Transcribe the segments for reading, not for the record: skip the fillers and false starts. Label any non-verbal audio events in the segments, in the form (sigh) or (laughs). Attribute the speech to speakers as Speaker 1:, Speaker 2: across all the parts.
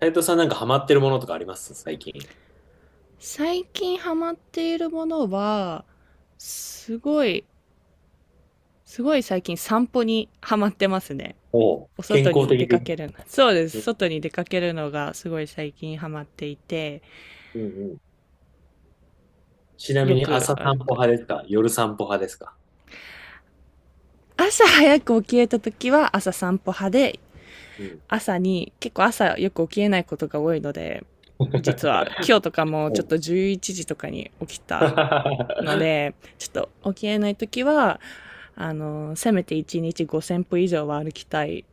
Speaker 1: 斉藤さんなんかハマってるものとかあります最近。
Speaker 2: 最近ハマっているものは、すごい、すごい最近散歩にハマってますね。
Speaker 1: おう
Speaker 2: お
Speaker 1: 健
Speaker 2: 外
Speaker 1: 康
Speaker 2: に出
Speaker 1: 的で。
Speaker 2: かけるの。そうで
Speaker 1: う
Speaker 2: す。
Speaker 1: ん
Speaker 2: 外に出かけるのがすごい最近ハマっていて、
Speaker 1: うんうん。ちな
Speaker 2: よ
Speaker 1: みに
Speaker 2: く
Speaker 1: 朝散
Speaker 2: 歩
Speaker 1: 歩
Speaker 2: く。
Speaker 1: 派ですか夜散歩派ですか？
Speaker 2: 朝早く起きれた時は朝散歩派で、
Speaker 1: うん。
Speaker 2: 朝に、結構朝よく起きれないことが多いので、実は今
Speaker 1: (laughs)
Speaker 2: 日とかも
Speaker 1: お
Speaker 2: ちょっ
Speaker 1: う
Speaker 2: と11時とかに起きた
Speaker 1: (laughs)
Speaker 2: ので、ちょっと起きれないときは、せめて1日5000歩以上は歩きたい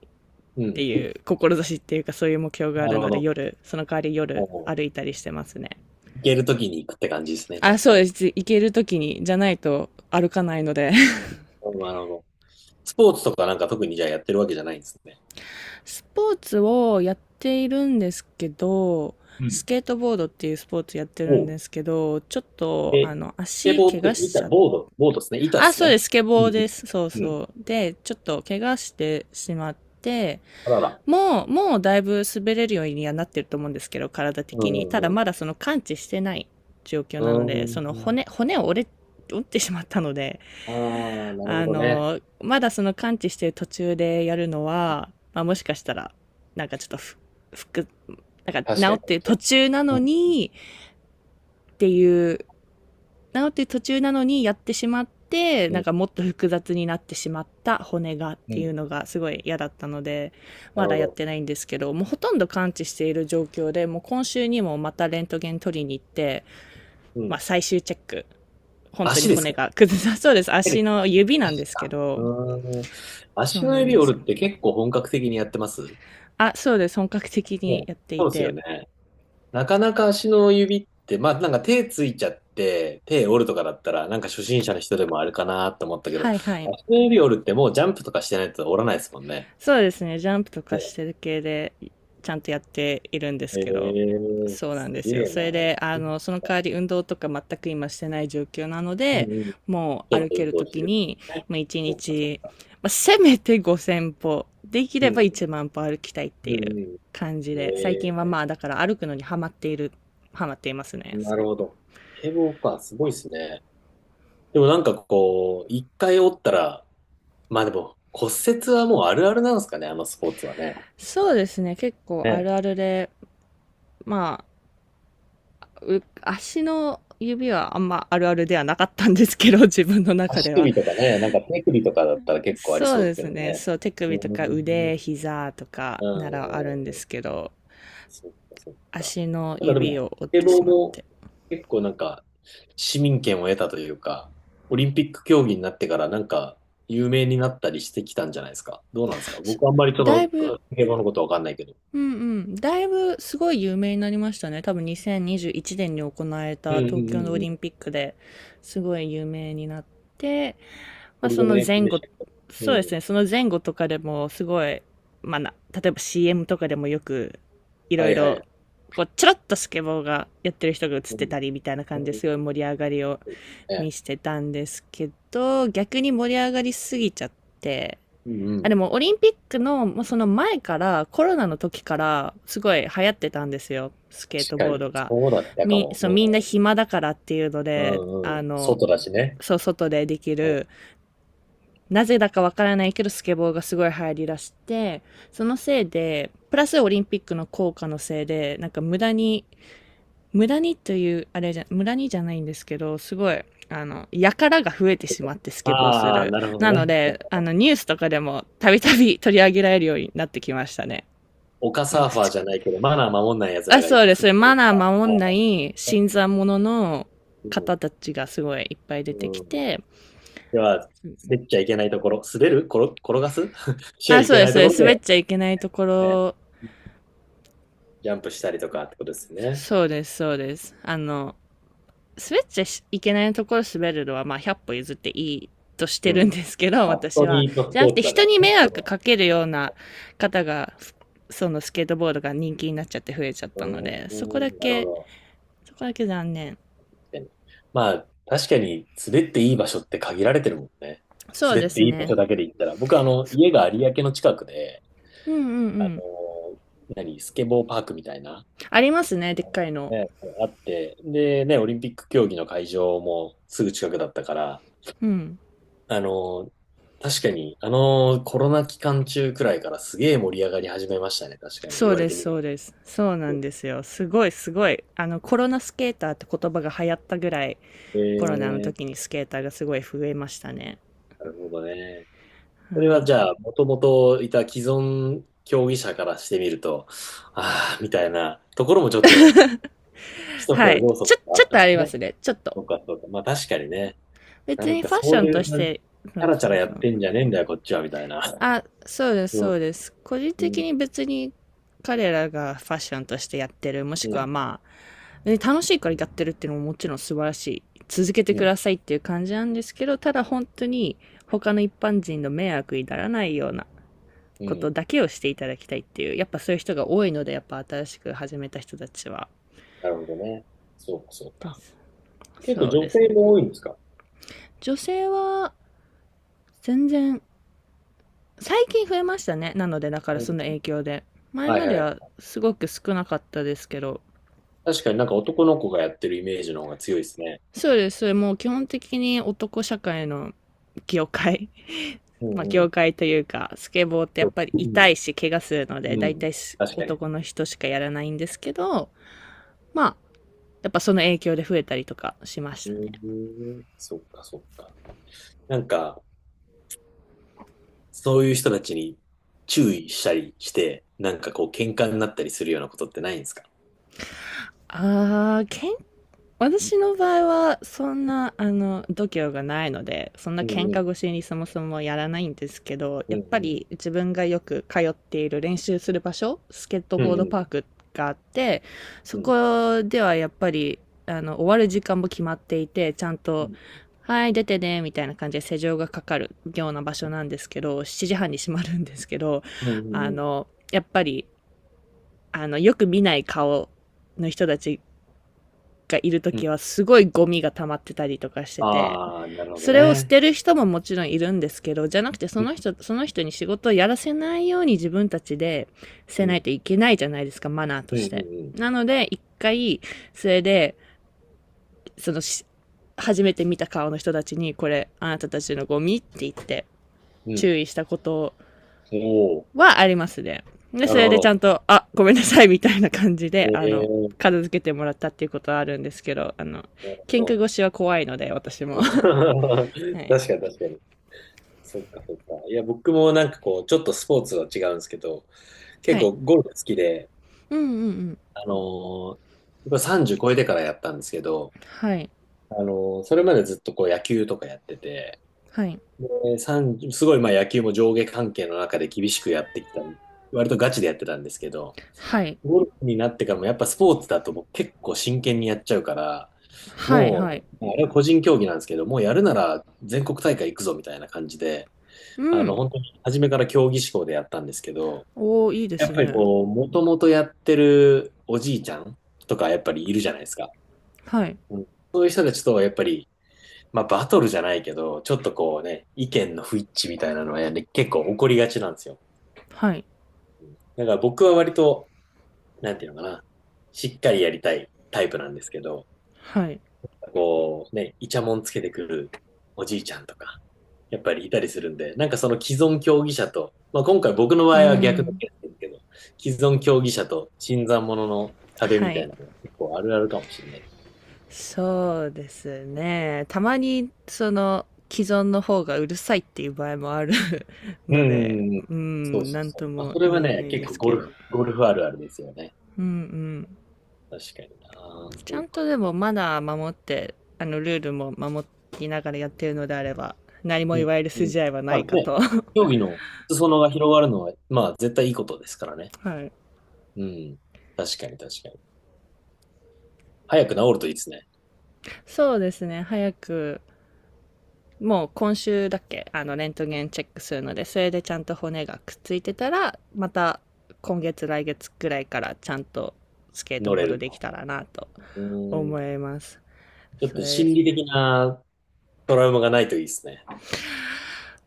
Speaker 1: う
Speaker 2: って
Speaker 1: ん。
Speaker 2: いう志っていうかそういう目標があ
Speaker 1: な
Speaker 2: る
Speaker 1: るほ
Speaker 2: ので
Speaker 1: ど。
Speaker 2: 夜、その代わり夜
Speaker 1: おう、
Speaker 2: 歩いたりしてますね。
Speaker 1: 行けるときに行くって感じですね、じゃ
Speaker 2: あ、
Speaker 1: あ
Speaker 2: そうで
Speaker 1: ね。
Speaker 2: す。行ける時に、じゃないと歩かないので。
Speaker 1: おう、なるほど。スポーツとかなんか特にじゃあやってるわけじゃないんですね。
Speaker 2: スポーツをやっているんですけど、
Speaker 1: う
Speaker 2: ス
Speaker 1: ん。
Speaker 2: ケートボードっていうスポーツやってるん
Speaker 1: お
Speaker 2: で
Speaker 1: う。
Speaker 2: すけど、ちょっと、あ
Speaker 1: え、ス
Speaker 2: の、
Speaker 1: ケ
Speaker 2: 足
Speaker 1: ボー
Speaker 2: 怪
Speaker 1: って
Speaker 2: 我しち
Speaker 1: 板、
Speaker 2: ゃって、
Speaker 1: ボード、ボードですね。板で
Speaker 2: あ、
Speaker 1: す
Speaker 2: そうで
Speaker 1: ね。
Speaker 2: す、スケ
Speaker 1: う
Speaker 2: ボーで
Speaker 1: ん
Speaker 2: す。そう
Speaker 1: うん。うん、
Speaker 2: そう。で、ちょっと怪我してしまって、
Speaker 1: あらら。
Speaker 2: もうだいぶ滑れるようにはなってると思うんですけど、体
Speaker 1: う
Speaker 2: 的に。
Speaker 1: ん
Speaker 2: た
Speaker 1: う
Speaker 2: だ
Speaker 1: んう
Speaker 2: まだその完治してない状況
Speaker 1: ん。
Speaker 2: なので、
Speaker 1: う
Speaker 2: その
Speaker 1: ー
Speaker 2: 骨、
Speaker 1: ん。
Speaker 2: 骨を折れ、折ってしまったので、
Speaker 1: ああ、なるほ
Speaker 2: あ
Speaker 1: どね。
Speaker 2: の、まだその完治してる途中でやるのは、まあ、もしかしたら、なんかちょっとふ、服、なんか治
Speaker 1: 確か
Speaker 2: っ
Speaker 1: に、
Speaker 2: て
Speaker 1: 確
Speaker 2: る
Speaker 1: か
Speaker 2: 途中なの
Speaker 1: に。
Speaker 2: に、っていう、治ってる途中なのにやってしまって、
Speaker 1: う
Speaker 2: なん
Speaker 1: ん、
Speaker 2: かもっと複雑になってしまった骨がっ
Speaker 1: うん、
Speaker 2: てい
Speaker 1: うん。
Speaker 2: うのがすごい嫌だったので、
Speaker 1: な
Speaker 2: ま
Speaker 1: る
Speaker 2: だ
Speaker 1: ほ
Speaker 2: やっ
Speaker 1: ど。
Speaker 2: てないんですけど、もうほとんど完治している状況で、もう今週にもまたレントゲン取りに行って、
Speaker 1: う
Speaker 2: まあ
Speaker 1: ん。
Speaker 2: 最終チェック。本当に
Speaker 1: 足です
Speaker 2: 骨
Speaker 1: か、
Speaker 2: が崩さそうです。
Speaker 1: 手
Speaker 2: 足
Speaker 1: で、
Speaker 2: の指なんで
Speaker 1: 足
Speaker 2: すけ
Speaker 1: か。
Speaker 2: ど、
Speaker 1: うーん。
Speaker 2: そ
Speaker 1: 足
Speaker 2: う
Speaker 1: の
Speaker 2: なん
Speaker 1: 指
Speaker 2: です
Speaker 1: 折
Speaker 2: よ。
Speaker 1: るって結構本格的にやってます
Speaker 2: あ、そうです。本格的に
Speaker 1: ね、
Speaker 2: やってい
Speaker 1: そうですよ
Speaker 2: て。
Speaker 1: ね。なかなか足の指って、まあなんか手ついちゃって、手折るとかだったら、なんか初心者の人でもあれかなと思ったけど、
Speaker 2: はいはい。
Speaker 1: 足の指折るってもうジャンプとかしてないと折らないですもんね。
Speaker 2: そうですね。ジャンプとかし
Speaker 1: ね。
Speaker 2: てる系で、ちゃんとやっているんで
Speaker 1: え
Speaker 2: すけど。
Speaker 1: ー、
Speaker 2: そうなん
Speaker 1: す
Speaker 2: ですよ。
Speaker 1: げえ
Speaker 2: そ
Speaker 1: な。
Speaker 2: れで、あ
Speaker 1: うん、
Speaker 2: の、その代わり運動とか全く今してない状況なの
Speaker 1: う
Speaker 2: で、
Speaker 1: ん。ち
Speaker 2: もう
Speaker 1: ょっと
Speaker 2: 歩け
Speaker 1: 運
Speaker 2: る
Speaker 1: 動
Speaker 2: と
Speaker 1: して
Speaker 2: き
Speaker 1: るってこ
Speaker 2: に、
Speaker 1: とね。
Speaker 2: まあ1
Speaker 1: そっかそっ
Speaker 2: 日、
Speaker 1: か。
Speaker 2: まあ、せめて5000歩、でき
Speaker 1: う
Speaker 2: れば
Speaker 1: ん、
Speaker 2: 1万歩歩きたいって
Speaker 1: う
Speaker 2: いう
Speaker 1: ん、うん。
Speaker 2: 感じで、最
Speaker 1: え
Speaker 2: 近はまあ
Speaker 1: え、
Speaker 2: だから歩くのにハマっている、ハマっていますね。
Speaker 1: なる
Speaker 2: そ
Speaker 1: ほ
Speaker 2: う。
Speaker 1: ど。堤防か、すごいですね。でもなんかこう、一回折ったら、まあでも骨折はもうあるあるなんですかね、あのスポーツはね。
Speaker 2: そうですね。結構あ
Speaker 1: ね。
Speaker 2: るあるで、ま足の指はあんまあるあるではなかったんですけど、(laughs) 自分の中
Speaker 1: 足
Speaker 2: では。
Speaker 1: 首とかね、なんか手首とかだったら結構あり
Speaker 2: そう
Speaker 1: そうで
Speaker 2: で
Speaker 1: すけ
Speaker 2: す
Speaker 1: ど
Speaker 2: ね。
Speaker 1: ね。
Speaker 2: そう、手
Speaker 1: うー
Speaker 2: 首とか
Speaker 1: ん。
Speaker 2: 腕、膝とか
Speaker 1: う
Speaker 2: ならあるんで
Speaker 1: ん。
Speaker 2: すけど、
Speaker 1: そっかそっか。
Speaker 2: 足の
Speaker 1: なんかで
Speaker 2: 指
Speaker 1: も、
Speaker 2: を折っ
Speaker 1: スケ
Speaker 2: て
Speaker 1: ボ
Speaker 2: し
Speaker 1: ー
Speaker 2: まって。
Speaker 1: も結構なんか市民権を得たというか、オリンピック競技になってからなんか有名になったりしてきたんじゃないですか。どうなんですか、僕あんまりそ
Speaker 2: だい
Speaker 1: の、
Speaker 2: ぶ
Speaker 1: スケボーのことわかんないけど。
Speaker 2: うんうん。だいぶすごい有名になりましたね。多分2021年にじゅういちねんに行われ
Speaker 1: うん
Speaker 2: た
Speaker 1: うん
Speaker 2: 東京のオ
Speaker 1: うんう
Speaker 2: リン
Speaker 1: ん。
Speaker 2: ピックですごい有名になって、まあ
Speaker 1: 堀
Speaker 2: その
Speaker 1: 米
Speaker 2: 前
Speaker 1: 君でし
Speaker 2: 後、
Speaker 1: たっけ、
Speaker 2: そう
Speaker 1: う
Speaker 2: です
Speaker 1: ん。
Speaker 2: ね、その前後とかでもすごい、まあな、例えば CM とかでもよくい
Speaker 1: は
Speaker 2: ろい
Speaker 1: いは
Speaker 2: ろ、
Speaker 1: い。
Speaker 2: こう、ちょろっとスケボーがやってる人が映っ
Speaker 1: う
Speaker 2: て
Speaker 1: ん。
Speaker 2: たりみたいな感
Speaker 1: う
Speaker 2: じで
Speaker 1: ん。
Speaker 2: すごい盛り上がりを見
Speaker 1: ね。
Speaker 2: せてたんですけど、逆に盛り上がりすぎちゃって、
Speaker 1: うんう
Speaker 2: あ、
Speaker 1: ん。
Speaker 2: でもオリンピックの、もうその前から、コロナの時から、すごい流行ってたんですよ。スケー
Speaker 1: 確
Speaker 2: ト
Speaker 1: か
Speaker 2: ボー
Speaker 1: に。
Speaker 2: ドが。
Speaker 1: そうだったかも。
Speaker 2: そう、みんな暇だからっていうの
Speaker 1: う
Speaker 2: で、
Speaker 1: んうん
Speaker 2: あ
Speaker 1: うん。
Speaker 2: の、
Speaker 1: 外だしね。
Speaker 2: そう、外ででき
Speaker 1: うん、
Speaker 2: る、なぜだかわからないけど、スケボーがすごい流行りだして、そのせいで、プラスオリンピックの効果のせいで、なんか無駄にという、あれじゃ、無駄にじゃないんですけど、すごい、あの、やからが増えてしまってスケボーす
Speaker 1: ああ、
Speaker 2: る。
Speaker 1: なるほど
Speaker 2: なの
Speaker 1: ね。なる
Speaker 2: で、
Speaker 1: ほ
Speaker 2: あ
Speaker 1: ど。
Speaker 2: の、ニュースとかでもたびたび (laughs) 取り上げられるようになってきましたね。
Speaker 1: 丘サーファーじゃないけど、マナー守んない奴
Speaker 2: あ
Speaker 1: らがい
Speaker 2: そ
Speaker 1: る
Speaker 2: うです。
Speaker 1: みたい
Speaker 2: マナー
Speaker 1: な。
Speaker 2: 守んない新参者の
Speaker 1: うん。
Speaker 2: 方たちがすごいいっぱい出てき
Speaker 1: うん。
Speaker 2: て、
Speaker 1: では、滑っちゃいけないところ、滑る転、転がす (laughs) しちゃ
Speaker 2: あ、
Speaker 1: い
Speaker 2: そう
Speaker 1: け
Speaker 2: で
Speaker 1: な
Speaker 2: す。
Speaker 1: い
Speaker 2: そ
Speaker 1: と
Speaker 2: う
Speaker 1: こ
Speaker 2: で
Speaker 1: ろ
Speaker 2: す滑っ
Speaker 1: で、
Speaker 2: ちゃいけないとこ
Speaker 1: ね、
Speaker 2: ろ、
Speaker 1: ジャンプしたりとかってことですよね。
Speaker 2: そうです、そうです。あの、滑っちゃいけないところ滑るのは、まあ、100歩譲っていいとして
Speaker 1: う
Speaker 2: るん
Speaker 1: ん。
Speaker 2: ですけど、(laughs)
Speaker 1: あ、ス
Speaker 2: 私
Speaker 1: ト
Speaker 2: は。
Speaker 1: リートス
Speaker 2: じゃな
Speaker 1: ポ
Speaker 2: く
Speaker 1: ー
Speaker 2: て、
Speaker 1: ツだか
Speaker 2: 人
Speaker 1: ら
Speaker 2: に
Speaker 1: ね。
Speaker 2: 迷惑かけるような方が、そのスケートボードが人気になっちゃって増えちゃっ
Speaker 1: う
Speaker 2: たの
Speaker 1: ん。
Speaker 2: で、
Speaker 1: う
Speaker 2: そこだ
Speaker 1: ん、なるほ
Speaker 2: け、
Speaker 1: ど。
Speaker 2: 残念。
Speaker 1: 確かに、まあ、確かに滑っていい場所って限られてるもんね。
Speaker 2: そう
Speaker 1: 滑
Speaker 2: で
Speaker 1: って
Speaker 2: す
Speaker 1: いい場
Speaker 2: ね。
Speaker 1: 所だけで言ったら。僕、あの、家が有明の近くで、
Speaker 2: うんうんう
Speaker 1: あの、
Speaker 2: ん。
Speaker 1: 何、スケボーパークみたいな、
Speaker 2: ありますね、でっかいの。
Speaker 1: ね、あって、で、ね、オリンピック競技の会場もすぐ近くだったから、
Speaker 2: うん。
Speaker 1: あの、確かに、あの、コロナ期間中くらいからすげえ盛り上がり始めましたね。確かに、
Speaker 2: そ
Speaker 1: 言
Speaker 2: う
Speaker 1: われ
Speaker 2: で
Speaker 1: て
Speaker 2: す、
Speaker 1: みる
Speaker 2: そうです。そうなん
Speaker 1: と。
Speaker 2: ですよ。すごい。あの、コロナスケーターって言葉が流行ったぐらい、
Speaker 1: え
Speaker 2: コロナの
Speaker 1: ー、
Speaker 2: 時にスケーターがすごい増えましたね。
Speaker 1: なるほどね。それ
Speaker 2: は
Speaker 1: は
Speaker 2: い。
Speaker 1: じゃあ、もともといた既存競技者からしてみると、ああ、みたいなところもちょっと
Speaker 2: (laughs)
Speaker 1: 一つ
Speaker 2: は
Speaker 1: の
Speaker 2: い。
Speaker 1: 要
Speaker 2: ち
Speaker 1: 素
Speaker 2: ょ、
Speaker 1: があ
Speaker 2: ちょ
Speaker 1: っ
Speaker 2: っと
Speaker 1: たん
Speaker 2: あ
Speaker 1: で
Speaker 2: り
Speaker 1: す
Speaker 2: ま
Speaker 1: ね。
Speaker 2: すね。ちょっと。
Speaker 1: そうか、そうか。まあ確かにね。な
Speaker 2: 別
Speaker 1: ん
Speaker 2: にフ
Speaker 1: か
Speaker 2: ァッシ
Speaker 1: そ
Speaker 2: ョ
Speaker 1: う
Speaker 2: ン
Speaker 1: い
Speaker 2: と
Speaker 1: う
Speaker 2: し
Speaker 1: 感じ、チ
Speaker 2: て、そ
Speaker 1: ャ
Speaker 2: う
Speaker 1: ラチャ
Speaker 2: そ
Speaker 1: ラ
Speaker 2: う
Speaker 1: や
Speaker 2: そ
Speaker 1: っ
Speaker 2: う。
Speaker 1: てんじゃねえんだよ、こっちは、みたいな。
Speaker 2: あ、そうです、
Speaker 1: う
Speaker 2: そ
Speaker 1: ん、
Speaker 2: うです。個人
Speaker 1: う
Speaker 2: 的
Speaker 1: ん、
Speaker 2: に別に彼らがファッションとしてやってる、もしく
Speaker 1: う
Speaker 2: は
Speaker 1: ん、
Speaker 2: まあ、ね楽しいからやってるっていうのももちろん素晴らしい。続けて
Speaker 1: う
Speaker 2: く
Speaker 1: ん。
Speaker 2: ださいっていう感じなんですけど、ただ本当に他の一般人の迷惑にならないような
Speaker 1: う
Speaker 2: こと
Speaker 1: ん、
Speaker 2: だけをしていただきたいっていう、やっぱそういう人が多いので、やっぱ新しく始めた人たちは。
Speaker 1: なるほどね。そうか、そう
Speaker 2: で
Speaker 1: か。
Speaker 2: す
Speaker 1: 結構
Speaker 2: そう
Speaker 1: 女
Speaker 2: です
Speaker 1: 性
Speaker 2: ね。
Speaker 1: も多いんですか？
Speaker 2: 女性は全然最近増えましたね。なので、だから
Speaker 1: う
Speaker 2: その
Speaker 1: ん。
Speaker 2: 影響で。前
Speaker 1: は
Speaker 2: ま
Speaker 1: い
Speaker 2: で
Speaker 1: は
Speaker 2: は
Speaker 1: い。
Speaker 2: すごく少なかったですけど。
Speaker 1: 確かになんか男の子がやってるイメージの方が強いですね。
Speaker 2: そうです。それもう基本的に男社会の業界
Speaker 1: う
Speaker 2: (laughs)。まあ、
Speaker 1: んうん。
Speaker 2: 業界というか、スケボーってやっぱり
Speaker 1: うん、
Speaker 2: 痛いし、怪我するので、
Speaker 1: う
Speaker 2: 大
Speaker 1: ん。
Speaker 2: 体い
Speaker 1: 確かに。
Speaker 2: 男の人しかやらないんですけど、まあ、やっぱその影響で増えたりとかしまし
Speaker 1: う
Speaker 2: たね。
Speaker 1: ん、そっか、そっか。なんか、そういう人たちに注意したりして、なんかこう、喧嘩になったりするようなことってないんですか？
Speaker 2: あー、健私の場合は、そんな、あの、度胸がないので、そんな
Speaker 1: う
Speaker 2: 喧
Speaker 1: んうん、
Speaker 2: 嘩腰にそもそもやらないんですけど、
Speaker 1: う
Speaker 2: や
Speaker 1: んう
Speaker 2: っぱ
Speaker 1: ん、
Speaker 2: り自分がよく通っている練習する場所、スケート
Speaker 1: う
Speaker 2: ボード
Speaker 1: ん
Speaker 2: パークがあって、そ
Speaker 1: うん、うん、
Speaker 2: こではやっぱり、あの、終わる時間も決まっていて、ちゃんと、
Speaker 1: う
Speaker 2: はい、出てね、みたいな感じで施錠がかかるような場所なんですけど、7時半に閉まるんですけど、
Speaker 1: ん、う
Speaker 2: あ
Speaker 1: ん、うん。
Speaker 2: の、やっぱり、あの、よく見ない顔の人たちがいると
Speaker 1: うん、
Speaker 2: きはすごいゴミが溜まってたりとかしてて、
Speaker 1: ああ、なるほど
Speaker 2: それを捨
Speaker 1: ね。
Speaker 2: てる人ももちろんいるんですけど、じゃなくてそ
Speaker 1: うん、
Speaker 2: の人、その人に仕事をやらせないように自分たちでせ
Speaker 1: う
Speaker 2: ない
Speaker 1: ん、
Speaker 2: といけないじゃないですか、マナーと
Speaker 1: う
Speaker 2: して。
Speaker 1: ん、
Speaker 2: なので、一回、それで、その初めて見た顔の人たちに、これ、あなたたちのゴミって言って、
Speaker 1: うん、うん。
Speaker 2: 注意したこと
Speaker 1: おお、
Speaker 2: はありますね。で、
Speaker 1: ー、な
Speaker 2: そ
Speaker 1: る
Speaker 2: れ
Speaker 1: ほ
Speaker 2: でちゃ
Speaker 1: ど。
Speaker 2: んと、あ、ごめんなさい、みたいな感じで、あの、
Speaker 1: ええ、
Speaker 2: 片付けてもらったっていうことはあるんですけど、あの、
Speaker 1: なる
Speaker 2: 喧嘩
Speaker 1: ほ
Speaker 2: 腰は怖いので、私も。
Speaker 1: ど。(laughs)
Speaker 2: (laughs) はい。
Speaker 1: 確かに確かに。そっかそっか。いや、僕もなんかこう、ちょっとスポーツは違うんですけど、
Speaker 2: は
Speaker 1: 結
Speaker 2: い。
Speaker 1: 構ゴルフ好きで、
Speaker 2: うんうんうん。
Speaker 1: あのやっぱ30超えてからやったんですけど、
Speaker 2: はい。
Speaker 1: あの、それまでずっとこう野球とかやってて、
Speaker 2: はい。
Speaker 1: で、すごいまあ野球も上下関係の中で厳しくやってきた、割とガチでやってたんですけど、
Speaker 2: はい。
Speaker 1: ゴルフになってからもやっぱスポーツだと僕結構真剣にやっちゃうから、
Speaker 2: はい、はい。
Speaker 1: もう、あれは個人競技なんですけど、もうやるなら全国大会行くぞみたいな感じで、
Speaker 2: う
Speaker 1: あの、
Speaker 2: ん。
Speaker 1: 本当に初めから競技志向でやったんですけど、
Speaker 2: おー、いいで
Speaker 1: やっ
Speaker 2: す
Speaker 1: ぱり
Speaker 2: ね。
Speaker 1: こう、もともとやってるおじいちゃんとかやっぱりいるじゃないですか。
Speaker 2: はい。
Speaker 1: うん、そういう人たちとはやっぱり、まあ、バトルじゃないけど、ちょっとこうね、意見の不一致みたいなのは、ね、結構起こりがちなんですよ。
Speaker 2: はい。
Speaker 1: だから僕は割と、なんていうのかな、しっかりやりたいタイプなんですけど、
Speaker 2: はい。
Speaker 1: こうね、イチャモンつけてくるおじいちゃんとか、やっぱりいたりするんで、なんかその既存競技者と、まあ、今回僕の
Speaker 2: う
Speaker 1: 場
Speaker 2: ー
Speaker 1: 合は逆の
Speaker 2: ん。
Speaker 1: ケースですけど、既存競技者と新参者の壁
Speaker 2: は
Speaker 1: みたい
Speaker 2: い。
Speaker 1: なの結構あるあるかもしれない。
Speaker 2: そうですね。たまに、その、既存の方がうるさいっていう場合もある (laughs)
Speaker 1: う
Speaker 2: の
Speaker 1: ん
Speaker 2: で、
Speaker 1: うんうん。
Speaker 2: う
Speaker 1: そう
Speaker 2: ん、
Speaker 1: そう
Speaker 2: なん
Speaker 1: そう。
Speaker 2: と
Speaker 1: まあ、
Speaker 2: も
Speaker 1: それは
Speaker 2: 言えな
Speaker 1: ね、
Speaker 2: いで
Speaker 1: 結構
Speaker 2: す
Speaker 1: ゴ
Speaker 2: け
Speaker 1: ル
Speaker 2: ど。
Speaker 1: フ、ゴルフあるあるですよね。
Speaker 2: うんうん。
Speaker 1: 確かにな。
Speaker 2: ち
Speaker 1: そ
Speaker 2: ゃ
Speaker 1: う
Speaker 2: ん
Speaker 1: か。
Speaker 2: とでもマナー守って、あの、ルールも守りながらやってるのであれば、何も
Speaker 1: う
Speaker 2: 言
Speaker 1: ん。
Speaker 2: われる
Speaker 1: うん。
Speaker 2: 筋合いはな
Speaker 1: まあ
Speaker 2: いか
Speaker 1: ね、
Speaker 2: と。(laughs)
Speaker 1: 競技の裾野が広がるのは、まあ絶対いいことですからね。
Speaker 2: はい。
Speaker 1: うん。確かに確かに。早く治るといいですね。
Speaker 2: そうですね。早くもう今週だっけあの、レントゲンチェックするので、それでちゃんと骨がくっついてたら、また今月来月くらいからちゃんとスケート
Speaker 1: 乗
Speaker 2: ボー
Speaker 1: れ
Speaker 2: ド
Speaker 1: る
Speaker 2: でき
Speaker 1: の。
Speaker 2: たらなと
Speaker 1: う
Speaker 2: 思
Speaker 1: ん。
Speaker 2: います。
Speaker 1: ちょっ
Speaker 2: そ
Speaker 1: と
Speaker 2: れ、
Speaker 1: 心理的なトラウマがないといいですね。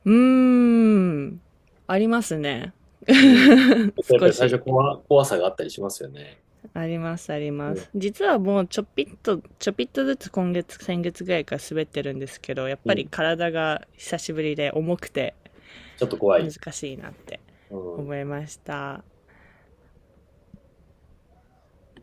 Speaker 2: うーん、ありますね
Speaker 1: うん。
Speaker 2: (laughs)。
Speaker 1: やっ
Speaker 2: 少
Speaker 1: ぱり最
Speaker 2: し。
Speaker 1: 初怖、怖さがあったりしますよね。
Speaker 2: あります、あり
Speaker 1: う
Speaker 2: ます。
Speaker 1: ん。
Speaker 2: 実はもうちょぴっとずつ今月、先月ぐらいから滑ってるんですけど、やっ
Speaker 1: う
Speaker 2: ぱり
Speaker 1: ん。
Speaker 2: 体が久しぶりで重くて
Speaker 1: ちょっと怖
Speaker 2: 難
Speaker 1: い。
Speaker 2: しいなって
Speaker 1: うん。
Speaker 2: 思いました。